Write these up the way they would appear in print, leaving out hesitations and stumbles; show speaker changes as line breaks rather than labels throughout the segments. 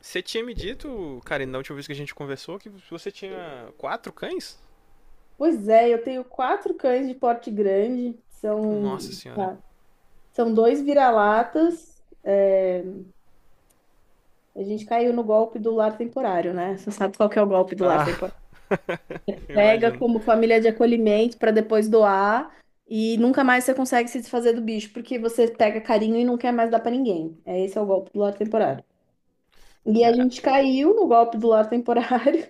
Você tinha me dito, cara, na última vez que a gente conversou, que você tinha quatro cães?
Pois é, eu tenho quatro cães de porte grande,
Nossa
são,
senhora.
tá, são dois vira-latas. A gente caiu no golpe do lar temporário, né? Você sabe qual que é o golpe do lar
Ah,
temporário? Pega
imagino.
como família de acolhimento para depois doar e nunca mais você consegue se desfazer do bicho, porque você pega carinho e não quer mais dar para ninguém. Esse é o golpe do lar temporário. E a
Yeah.
gente caiu no golpe do lar temporário.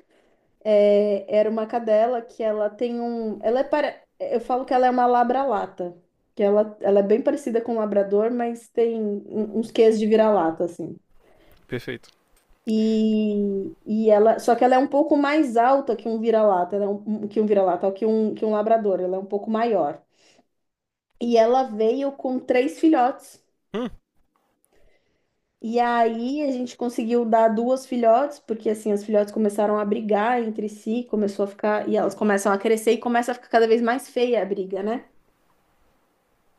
Era uma cadela que ela tem um. Eu falo que ela é uma labra-lata. Que ela é bem parecida com um labrador, mas tem uns quês de vira-lata, assim.
Perfeito.
E ela, só que ela é um pouco mais alta que um vira-lata, ela é um, que um vira-lata, que um labrador, ela é um pouco maior. E ela veio com três filhotes.
Hum,
E aí a gente conseguiu dar duas filhotes, porque assim, as filhotes começaram a brigar entre si, começou a ficar, e elas começam a crescer e começa a ficar cada vez mais feia a briga, né?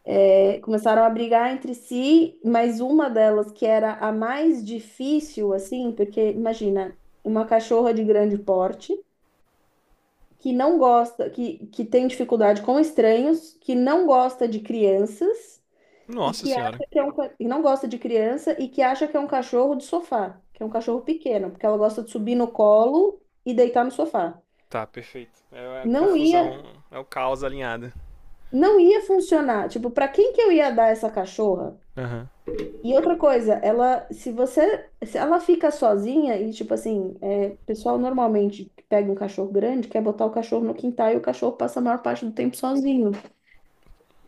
É, começaram a brigar entre si, mas uma delas, que era a mais difícil, assim, porque imagina, uma cachorra de grande porte, que não gosta, que tem dificuldade com estranhos, que não gosta de crianças. E
nossa
que acha
senhora.
que é um, e não gosta de criança e que acha que é um cachorro de sofá, que é um cachorro pequeno, porque ela gosta de subir no colo e deitar no sofá.
Tá, perfeito. É a
Não ia,
confusão, é o caos alinhado.
não ia funcionar. Tipo, para quem que eu ia dar essa cachorra?
Aham. Uhum.
E outra coisa, ela, se você, se ela fica sozinha e tipo assim, é, o pessoal normalmente que pega um cachorro grande quer botar o cachorro no quintal e o cachorro passa a maior parte do tempo sozinho.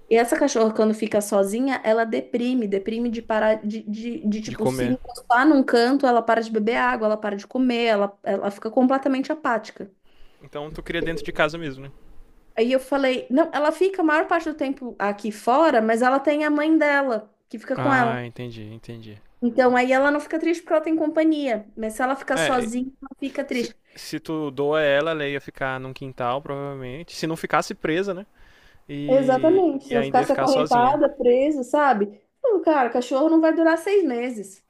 E essa cachorra, quando fica sozinha, ela deprime, deprime de parar
De
tipo, se
comer.
encostar num canto, ela para de beber água, ela para de comer, ela fica completamente apática.
Então tu cria dentro de casa mesmo, né?
Aí eu falei, não, ela fica a maior parte do tempo aqui fora, mas ela tem a mãe dela, que fica com
Ah,
ela.
entendi, entendi.
Então aí ela não fica triste porque ela tem companhia, mas se ela ficar
É,
sozinha, ela fica
se,
triste.
se tu doa ela ia ficar num quintal, provavelmente. Se não ficasse presa, né? E,
Exatamente, se
e
não
ainda ia
ficasse
ficar sozinha.
acorrentada, presa, sabe? Não, cara, cachorro não vai durar 6 meses.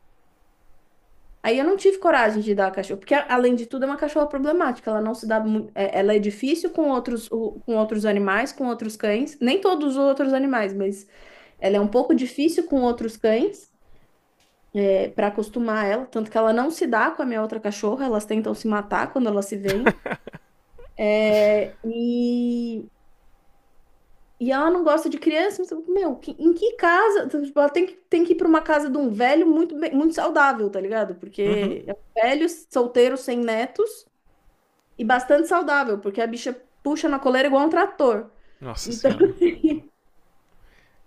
Aí eu não tive coragem de dar a cachorra, porque além de tudo é uma cachorra problemática, ela não se dá muito, ela é difícil com outros, com outros animais, com outros cães, nem todos os outros animais, mas ela é um pouco difícil com outros cães, para acostumar ela, tanto que ela não se dá com a minha outra cachorra, elas tentam se matar quando elas se veem. é, E, e ela não gosta de criança, mas, meu, em que casa? Então, tipo, ela tem que ir para uma casa de um velho muito saudável, tá ligado?
Uhum.
Porque é um velho solteiro sem netos e bastante saudável, porque a bicha puxa na coleira igual um trator.
Nossa
Então,
senhora.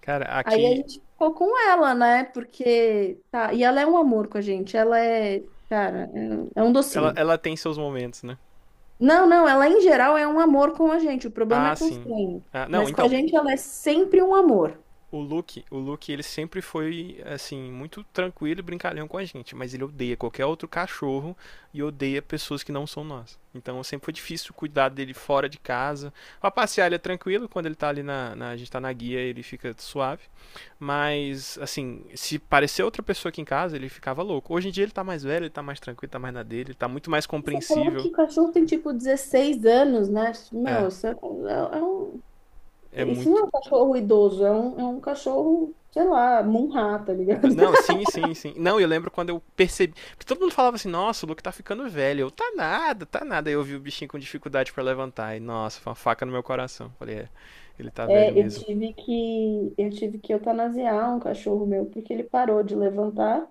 Cara,
aí a
aqui.
gente ficou com ela, né? Porque, tá, e ela é um amor com a gente, ela é, cara, é um
Ela,
docinho.
ela tem seus momentos, né?
Não, não, ela em geral é um amor com a gente, o problema é
Ah,
com os
sim.
estranhos.
Ah, não,
Mas com a
então,
gente ela é sempre um amor.
o Luke, ele sempre foi, assim, muito tranquilo e brincalhão com a gente, mas ele odeia qualquer outro cachorro e odeia pessoas que não são nós. Então sempre foi difícil cuidar dele fora de casa. Pra passear ele é tranquilo, quando ele tá ali. A gente tá na guia, ele fica suave. Mas, assim, se parecer outra pessoa aqui em casa, ele ficava louco. Hoje em dia ele tá mais velho, ele tá mais tranquilo, tá mais na dele, ele tá muito mais
Você falou
compreensível.
que o cachorro tem tipo 16 anos, né?
É,
Meu, isso é um,
é
isso não é
muito.
um cachorro idoso, é um cachorro, sei lá, Munhá, tá ligado?
Não, sim, sim, sim. Não, eu lembro quando eu percebi. Porque todo mundo falava assim, nossa, o Luke tá ficando velho. Eu, tá nada, tá nada. Aí eu vi o bichinho com dificuldade pra levantar. E, nossa, foi uma faca no meu coração. Falei, é, ele tá
É,
velho
eu
mesmo.
tive que eu tive que eutanasiar um cachorro meu porque ele parou de levantar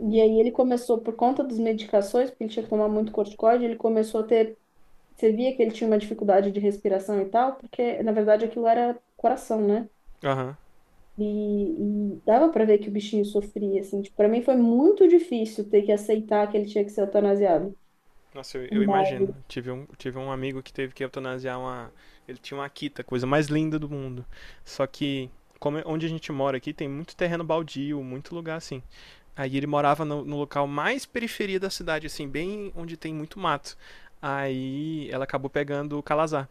e aí ele começou por conta das medicações, porque ele tinha que tomar muito corticoide, ele começou a ter, você via que ele tinha uma dificuldade de respiração e tal, porque na verdade aquilo era coração, né?
Aham.
E dava pra ver que o bichinho sofria assim, tipo, para mim foi muito difícil ter que aceitar que ele tinha que ser eutanasiado.
Nossa, eu
Mas
imagino. Tive um amigo que teve que eutanasiar uma. Ele tinha uma Akita, a coisa mais linda do mundo. Só que, como, onde a gente mora aqui, tem muito terreno baldio, muito lugar assim. Aí ele morava no local mais periferia da cidade, assim, bem onde tem muito mato. Aí ela acabou pegando o Calazar.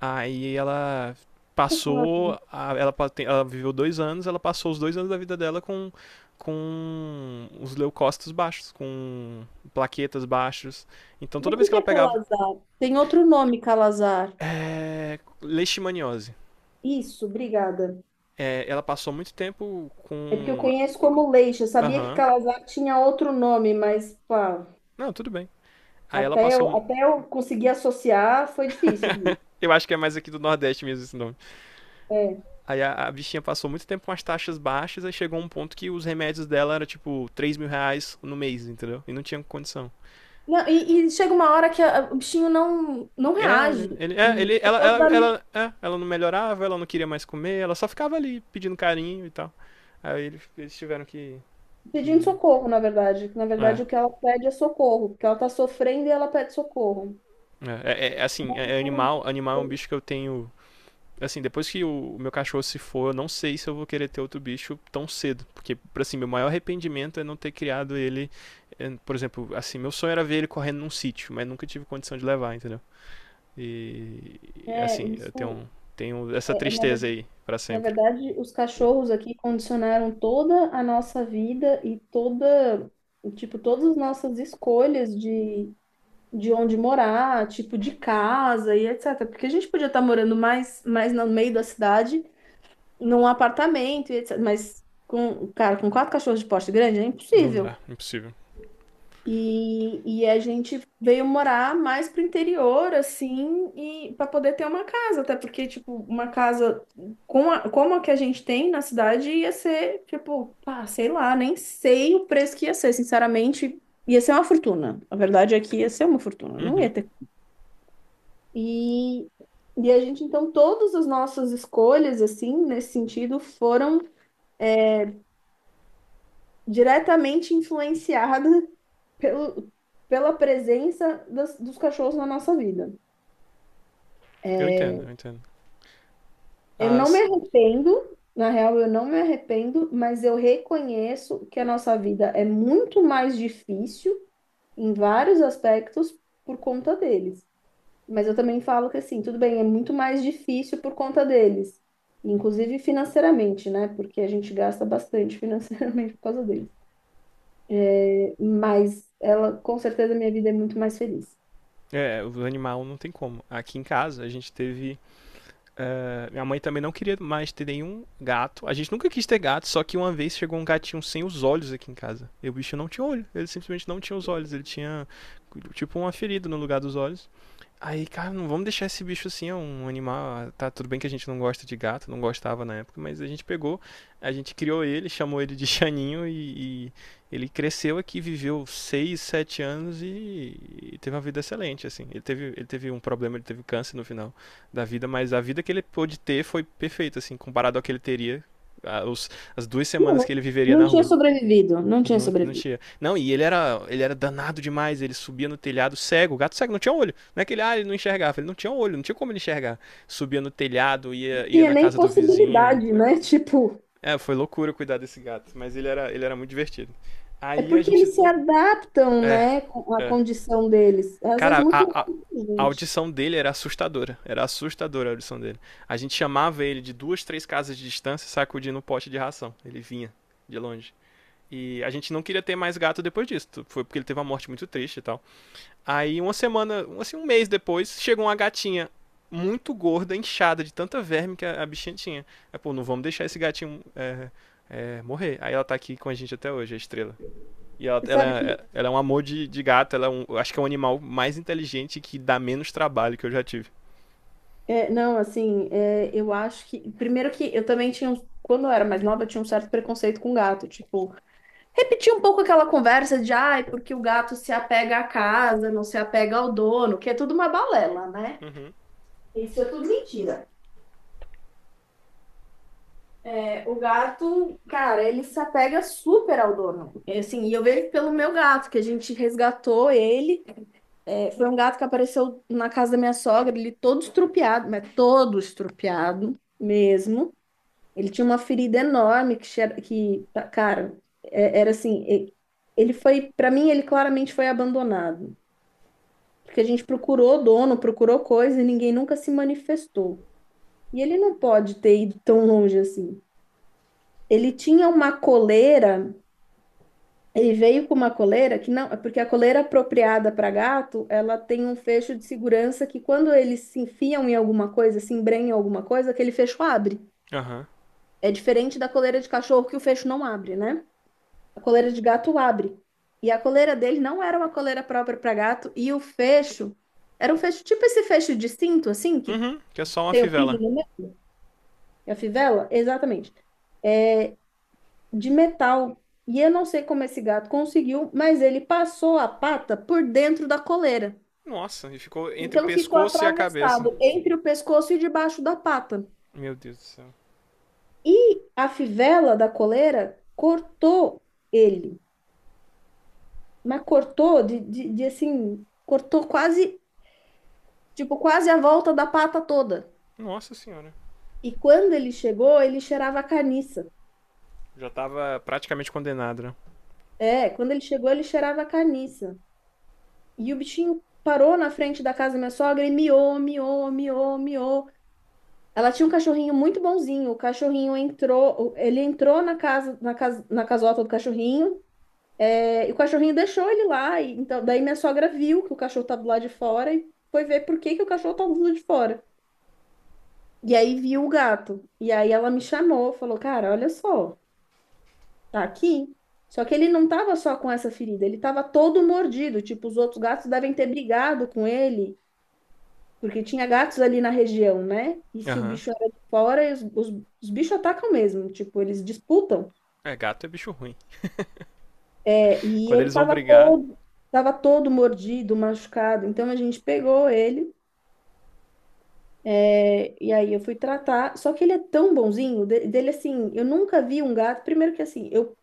Aí ela
o que é
passou,
calazar?
a- ela, pa- tem- ela viveu dois anos, ela passou os dois anos da vida dela com, os leucócitos baixos, com plaquetas baixos. Então
Mas
toda
o
vez
que
que
que
ela
é
pegava
calazar? Tem outro nome, calazar.
leishmaniose,
Isso, obrigada.
ela passou muito tempo
É porque eu
com.
conheço como leixa. Eu sabia que
Aham,
calazar tinha outro nome, mas pá,
não, tudo bem. Aí ela
até eu,
passou.
até eu conseguir associar foi difícil aqui.
Eu acho que é mais aqui do Nordeste mesmo esse nome.
É.
Aí a bichinha passou muito tempo com as taxas baixas, aí chegou um ponto que os remédios dela eram tipo R$ 3.000 no mês, entendeu? E não tinha condição.
Não, e chega uma hora que o bichinho não, não
É,
reage.
ele, é, ele
Você
ela,
pode
ela,
estar me
ela, é, ela não melhorava, ela não queria mais comer, ela só ficava ali pedindo carinho e tal. Aí eles tiveram que.
pedindo
Que.
socorro, na verdade. Na
É,
verdade, o que ela pede é socorro, porque ela está sofrendo e ela pede socorro.
assim,
Pelo menos
animal é um
isso,
bicho que eu tenho assim, depois que meu cachorro se for, eu não sei se eu vou querer ter outro bicho tão cedo. Porque, assim, meu maior arrependimento é não ter criado ele. Por exemplo, assim, meu sonho era ver ele correndo num sítio, mas nunca tive condição de levar, entendeu? E,
é,
assim, eu
isso
tenho essa
na
tristeza
verdade.
aí pra
Na
sempre.
verdade, os cachorros aqui condicionaram toda a nossa vida e toda, tipo, todas as nossas escolhas de onde morar, tipo, de casa e etc. Porque a gente podia estar morando mais no meio da cidade, num apartamento e etc. Mas, com, cara, com quatro cachorros de porte grande é
Não
impossível.
dá, impossível.
E a gente veio morar mais pro interior, assim, e para poder ter uma casa, até porque, tipo, uma casa com como a que a gente tem na cidade ia ser, tipo, pá, sei lá, nem sei o preço que ia ser, sinceramente, ia ser uma fortuna. A verdade é que ia ser uma fortuna, não ia
Uhum,
ter. E, e a gente, então, todas as nossas escolhas, assim, nesse sentido, foram diretamente influenciada pelo, pela presença dos cachorros na nossa vida.
eu entendo, eu entendo.
Eu não me
As.
arrependo, na real, eu não me arrependo, mas eu reconheço que a nossa vida é muito mais difícil em vários aspectos por conta deles. Mas eu também falo que, assim, tudo bem, é muito mais difícil por conta deles. Inclusive financeiramente, né? Porque a gente gasta bastante financeiramente por causa deles. Mas ela, com certeza, minha vida é muito mais feliz.
É, o animal não tem como. Aqui em casa a gente teve. É, minha mãe também não queria mais ter nenhum gato. A gente nunca quis ter gato, só que uma vez chegou um gatinho sem os olhos aqui em casa. E o bicho não tinha olho. Ele simplesmente não tinha os olhos. Ele tinha, tipo, uma ferida no lugar dos olhos. Aí, cara, não vamos deixar esse bicho assim, é um animal. Tá, tudo bem que a gente não gosta de gato, não gostava na época, mas a gente pegou, a gente criou ele, chamou ele de Chaninho e ele cresceu aqui, viveu 6 7 anos e teve uma vida excelente, assim. Ele teve um problema, ele teve câncer no final da vida, mas a vida que ele pôde ter foi perfeita, assim, comparado ao que ele teria, a- os- as duas
Não,
semanas que
não
ele viveria
não
na
tinha
rua.
sobrevivido, não tinha
Não, não
sobrevivido.
tinha. Não, e ele era danado demais, ele subia no telhado cego, o gato cego, não tinha olho. Não é que ele não enxergava, ele não tinha olho, não tinha como ele enxergar. Subia no telhado,
Não
ia
tinha
na
nem
casa do vizinho.
possibilidade, né? Tipo,
É, foi loucura cuidar desse gato, mas ele era muito divertido.
é
Aí a
porque
gente.
eles se adaptam,
É,
né, com a
é.
condição deles. É, às vezes
Cara,
muito
a,
melhor
a,
do que a
a
gente.
audição dele era assustadora. Era assustadora a audição dele. A gente chamava ele de duas, três casas de distância, sacudindo um pote de ração. Ele vinha de longe. E a gente não queria ter mais gato depois disso. Foi porque ele teve uma morte muito triste e tal. Aí uma semana, assim, um mês depois, chegou uma gatinha muito gorda, inchada de tanta verme que a bichinha tinha. Aí, pô, não vamos deixar esse gatinho morrer. Aí ela tá aqui com a gente até hoje, a estrela. E ela,
Você
ela,
sabe que,
é- ela é um amor de gato, acho que é um animal mais inteligente que dá menos trabalho que eu já tive.
é, não, assim, é, eu acho que. Primeiro que eu também tinha. Quando eu era mais nova, eu tinha um certo preconceito com gato. Tipo, repetir um pouco aquela conversa de, ai, porque o gato se apega à casa, não se apega ao dono, que é tudo uma balela, né?
Uhum.
Isso é tudo mentira. É, o gato, cara, ele se apega super ao dono. É, assim, e eu vejo pelo meu gato, que a gente resgatou ele. É, foi um gato que apareceu na casa da minha sogra, ele todo estrupiado, mas todo estrupiado mesmo. Ele tinha uma ferida enorme que, que cara, era assim, ele foi, para mim, ele claramente foi abandonado. Porque a gente procurou dono, procurou coisa e ninguém nunca se manifestou. E ele não pode ter ido tão longe assim. Ele tinha uma coleira, ele veio com uma coleira que não, é porque a coleira apropriada para gato, ela tem um fecho de segurança que quando eles se enfiam em alguma coisa, se embrenham em alguma coisa, aquele fecho abre.
Aham.
É diferente da coleira de cachorro que o fecho não abre, né? A coleira de gato abre. E a coleira dele não era uma coleira própria para gato e o fecho era um fecho tipo esse fecho de cinto
Uhum.
assim que
Uhum, que é só uma
tem o pino
fivela.
no meio, a fivela, exatamente, de metal. E eu não sei como esse gato conseguiu, mas ele passou a pata por dentro da coleira.
Nossa, e ficou entre o
Então ficou
pescoço e a cabeça.
atravessado entre o pescoço e debaixo da pata.
Meu Deus do céu.
E a fivela da coleira cortou ele, mas cortou assim, cortou quase, tipo, quase a volta da pata toda.
Nossa senhora.
E quando ele chegou, ele cheirava a carniça.
Já tava praticamente condenado, né?
É, quando ele chegou, ele cheirava a carniça. E o bichinho parou na frente da casa da minha sogra e miou, miou, miou, miou. Ela tinha um cachorrinho muito bonzinho. O cachorrinho entrou, ele entrou na casa, na casota do cachorrinho, e o cachorrinho deixou ele lá. E, então, daí minha sogra viu que o cachorro tava do lado de fora e foi ver por que que o cachorro tava do lado de fora. E aí viu o gato. E aí ela me chamou, falou: "Cara, olha só, tá aqui". Só que ele não tava só com essa ferida, ele tava todo mordido, tipo, os outros gatos devem ter brigado com ele porque tinha gatos ali na região, né? E se o
Aham.
bicho era de fora, os bichos atacam mesmo, tipo, eles disputam.
Uhum. É, gato é bicho ruim.
É, e
Quando
ele
eles vão brigar,
tava todo mordido, machucado. Então a gente pegou ele, e aí eu fui tratar. Só que ele é tão bonzinho, dele assim, eu nunca vi um gato. Primeiro que assim, eu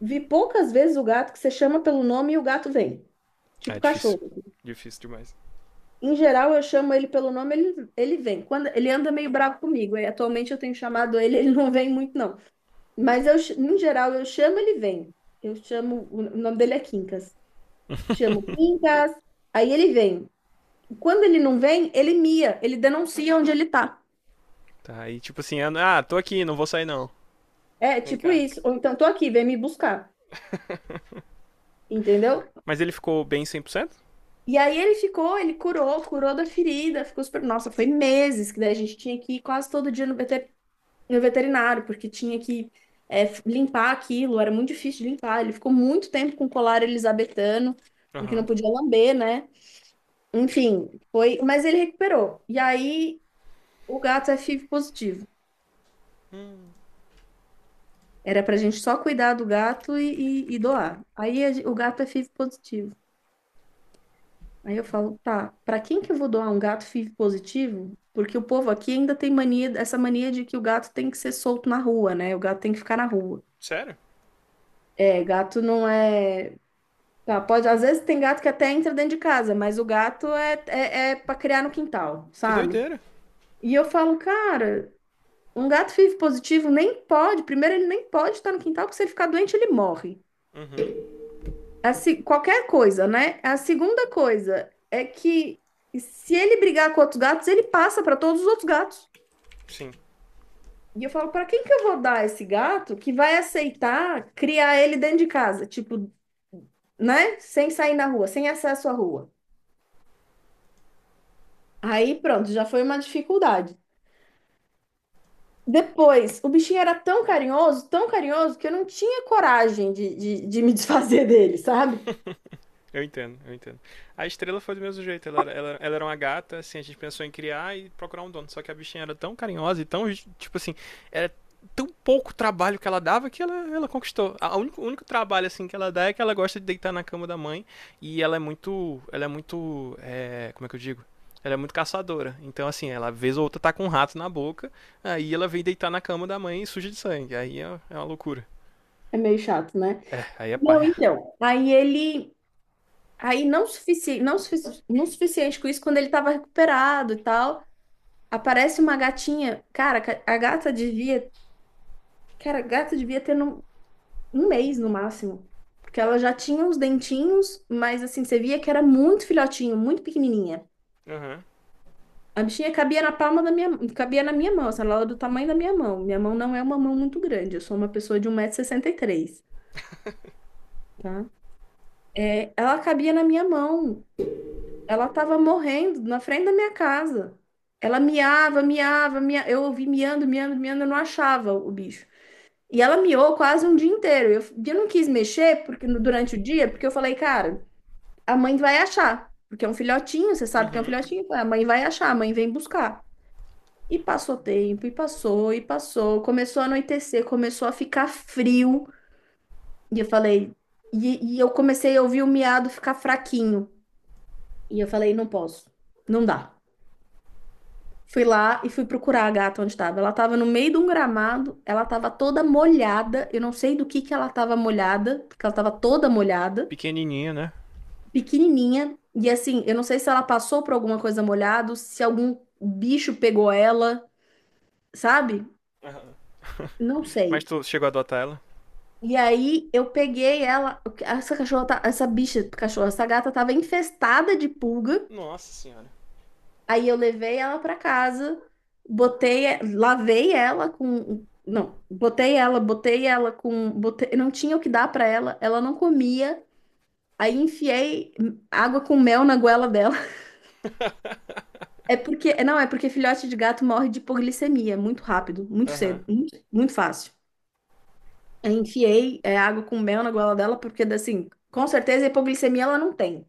vi poucas vezes o gato que você chama pelo nome e o gato vem.
é
Tipo
difícil.
cachorro.
Difícil demais.
Em geral, eu chamo ele pelo nome, ele vem. Quando ele anda meio bravo comigo. E atualmente eu tenho chamado ele, ele não vem muito, não. Mas eu, no geral, eu chamo, ele vem. Eu chamo, o nome dele é Quincas. Chamo Quincas, aí ele vem. Quando ele não vem, ele mia, ele denuncia onde ele tá.
Tá, aí tipo assim, ah, tô aqui, não vou sair não.
É,
Vem
tipo
cá.
isso. Ou então, tô aqui, vem me buscar. Entendeu?
Mas ele ficou bem 100%?
E aí ele ficou, ele curou, curou da ferida, ficou super. Nossa, foi meses que daí a gente tinha que ir quase todo dia no no veterinário, porque tinha que limpar aquilo, era muito difícil de limpar. Ele ficou muito tempo com colar elisabetano,
Aham.
porque não
Uhum.
podia lamber, né? Enfim, foi, mas ele recuperou. E aí o gato é FIV positivo. Era pra gente só cuidar do gato e doar. Aí o gato é FIV positivo. Aí eu falo, tá, pra quem que eu vou doar um gato FIV positivo? Porque o povo aqui ainda tem mania, essa mania de que o gato tem que ser solto na rua, né? O gato tem que ficar na rua.
Sério?
É, gato não é. Tá, pode, às vezes tem gato que até entra dentro de casa, mas o gato é, é, é para criar no quintal,
Que
sabe?
doideira.
E eu falo, cara. Um gato FIV positivo nem pode, primeiro, ele nem pode estar no quintal, porque se ele ficar doente, ele morre. A se- qualquer coisa, né? A segunda coisa é que se ele brigar com outros gatos, ele passa para todos os outros gatos.
Sim.
E eu falo, para quem que eu vou dar esse gato que vai aceitar criar ele dentro de casa? Tipo, né? Sem sair na rua, sem acesso à rua. Aí pronto, já foi uma dificuldade. Depois, o bichinho era tão carinhoso, que eu não tinha coragem de me desfazer dele, sabe?
Eu entendo, eu entendo. A estrela foi do mesmo jeito, ela era uma gata, assim, a gente pensou em criar e procurar um dono. Só que a bichinha era tão carinhosa e tão, tipo assim, era tão pouco trabalho que ela dava que ela conquistou. O único trabalho, assim, que ela dá é que ela gosta de deitar na cama da mãe e ela é muito, como é que eu digo? Ela é muito caçadora. Então, assim, ela vez ou outra tá com um rato na boca, aí ela vem deitar na cama da mãe e suja de sangue. Aí é uma loucura.
É meio chato, né?
É, aí é
Não,
paia.
então. Aí ele. Aí não, sufici... não, sufici... não suficiente com isso, quando ele tava recuperado e tal, aparece uma gatinha. Cara, a gata devia. Cara, a gata devia ter um mês no máximo. Porque ela já tinha os dentinhos, mas assim, você via que era muito filhotinho, muito pequenininha.
Aham,
A bichinha cabia na palma da minha, cabia na minha mão, assim, ela era do tamanho da minha mão. Minha mão não é uma mão muito grande, eu sou uma pessoa de 1,63 m, tá? É, ela cabia na minha mão. Ela estava morrendo na frente da minha casa. Ela miava, miava, eu ouvi miando, miando, miando, eu não achava o bicho. E ela miou quase um dia inteiro. Eu não quis mexer porque durante o dia, porque eu falei, cara, a mãe vai achar, porque é um filhotinho, você sabe que é um
uhum.
filhotinho, a mãe vai achar, a mãe vem buscar. E passou tempo, e passou, começou a anoitecer, começou a ficar frio. E eu falei, e eu comecei a ouvir o miado ficar fraquinho. E eu falei, não posso, não dá. Fui lá e fui procurar a gata onde estava. Ela estava no meio de um gramado, ela estava toda molhada. Eu não sei do que ela estava molhada, porque ela estava toda molhada,
Pequenininha, né?
pequenininha. E assim, eu não sei se ela passou por alguma coisa molhada, se algum bicho pegou ela, sabe?
Aham.
Não
Mas
sei.
tu chegou a adotar ela?
E aí eu peguei ela, essa cachorra, tá- essa bicha, cachorra, essa gata estava infestada de pulga.
Nossa senhora.
Aí eu levei ela para casa, botei ela com, botei, não tinha o que dar para ela, ela não comia. Aí enfiei água com mel na goela dela. É porque, não, é porque filhote de gato morre de hipoglicemia é muito rápido, muito
Aham, uhum.
cedo, muito, muito fácil. Aí enfiei água com mel na goela dela porque assim, com certeza hipoglicemia ela não tem.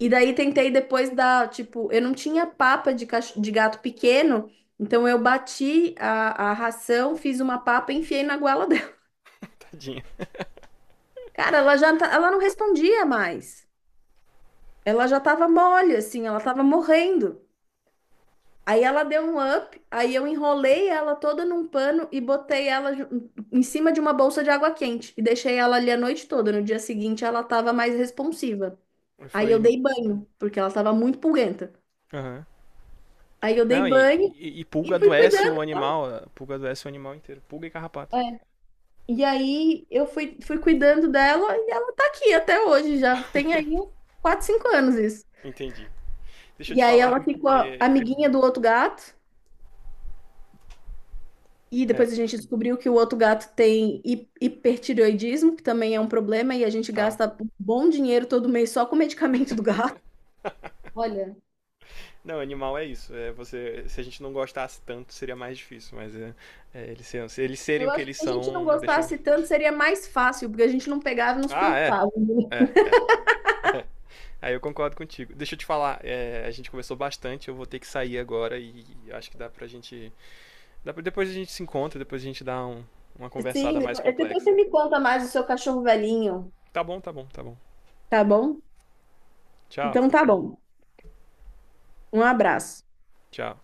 E daí tentei depois dar, tipo, eu não tinha papa de gato pequeno, então eu bati a ração, fiz uma papa e enfiei na goela dela.
Tadinha.
Cara, ela não respondia mais. Ela já tava mole, assim, ela tava morrendo. Aí ela deu um up, aí eu enrolei ela toda num pano e botei ela em cima de uma bolsa de água quente e deixei ela ali a noite toda. No dia seguinte ela tava mais responsiva. Aí
Foi.
eu dei banho, porque ela tava muito pulguenta.
Aham. Uhum.
Aí eu
Não,
dei
e,
banho
e, e pulga
e fui
adoece
cuidando.
o animal. A Pulga adoece o animal inteiro. Pulga e carrapato.
E aí eu fui, fui cuidando dela e ela tá aqui até hoje, já tem aí 4 5 anos isso.
Entendi. Deixa eu
E
te
aí
falar.
ela ficou
É.
amiguinha do outro gato, e
É,
depois a gente descobriu que o outro gato tem hipertireoidismo, que também é um problema, e a gente
tá.
gasta um bom dinheiro todo mês só com o medicamento do gato. Olha,
Não, animal é isso. É você, se a gente não gostasse tanto, seria mais difícil, mas se eles serem
eu
o que
acho que
eles
se a gente não
são, deixa.
gostasse tanto, seria mais fácil, porque a gente não pegava e não se
Ah, é.
preocupava.
É, é. Aí eu concordo contigo. Deixa eu te falar, a gente conversou bastante, eu vou ter que sair agora e acho que dá pra gente. Depois a gente se encontra, depois a gente dá uma
Sim,
conversada mais
depois
complexa.
você me conta mais do seu cachorro velhinho,
Tá bom, tá bom, tá bom.
tá bom?
Tchau,
Então tá bom. Um abraço.
tchau.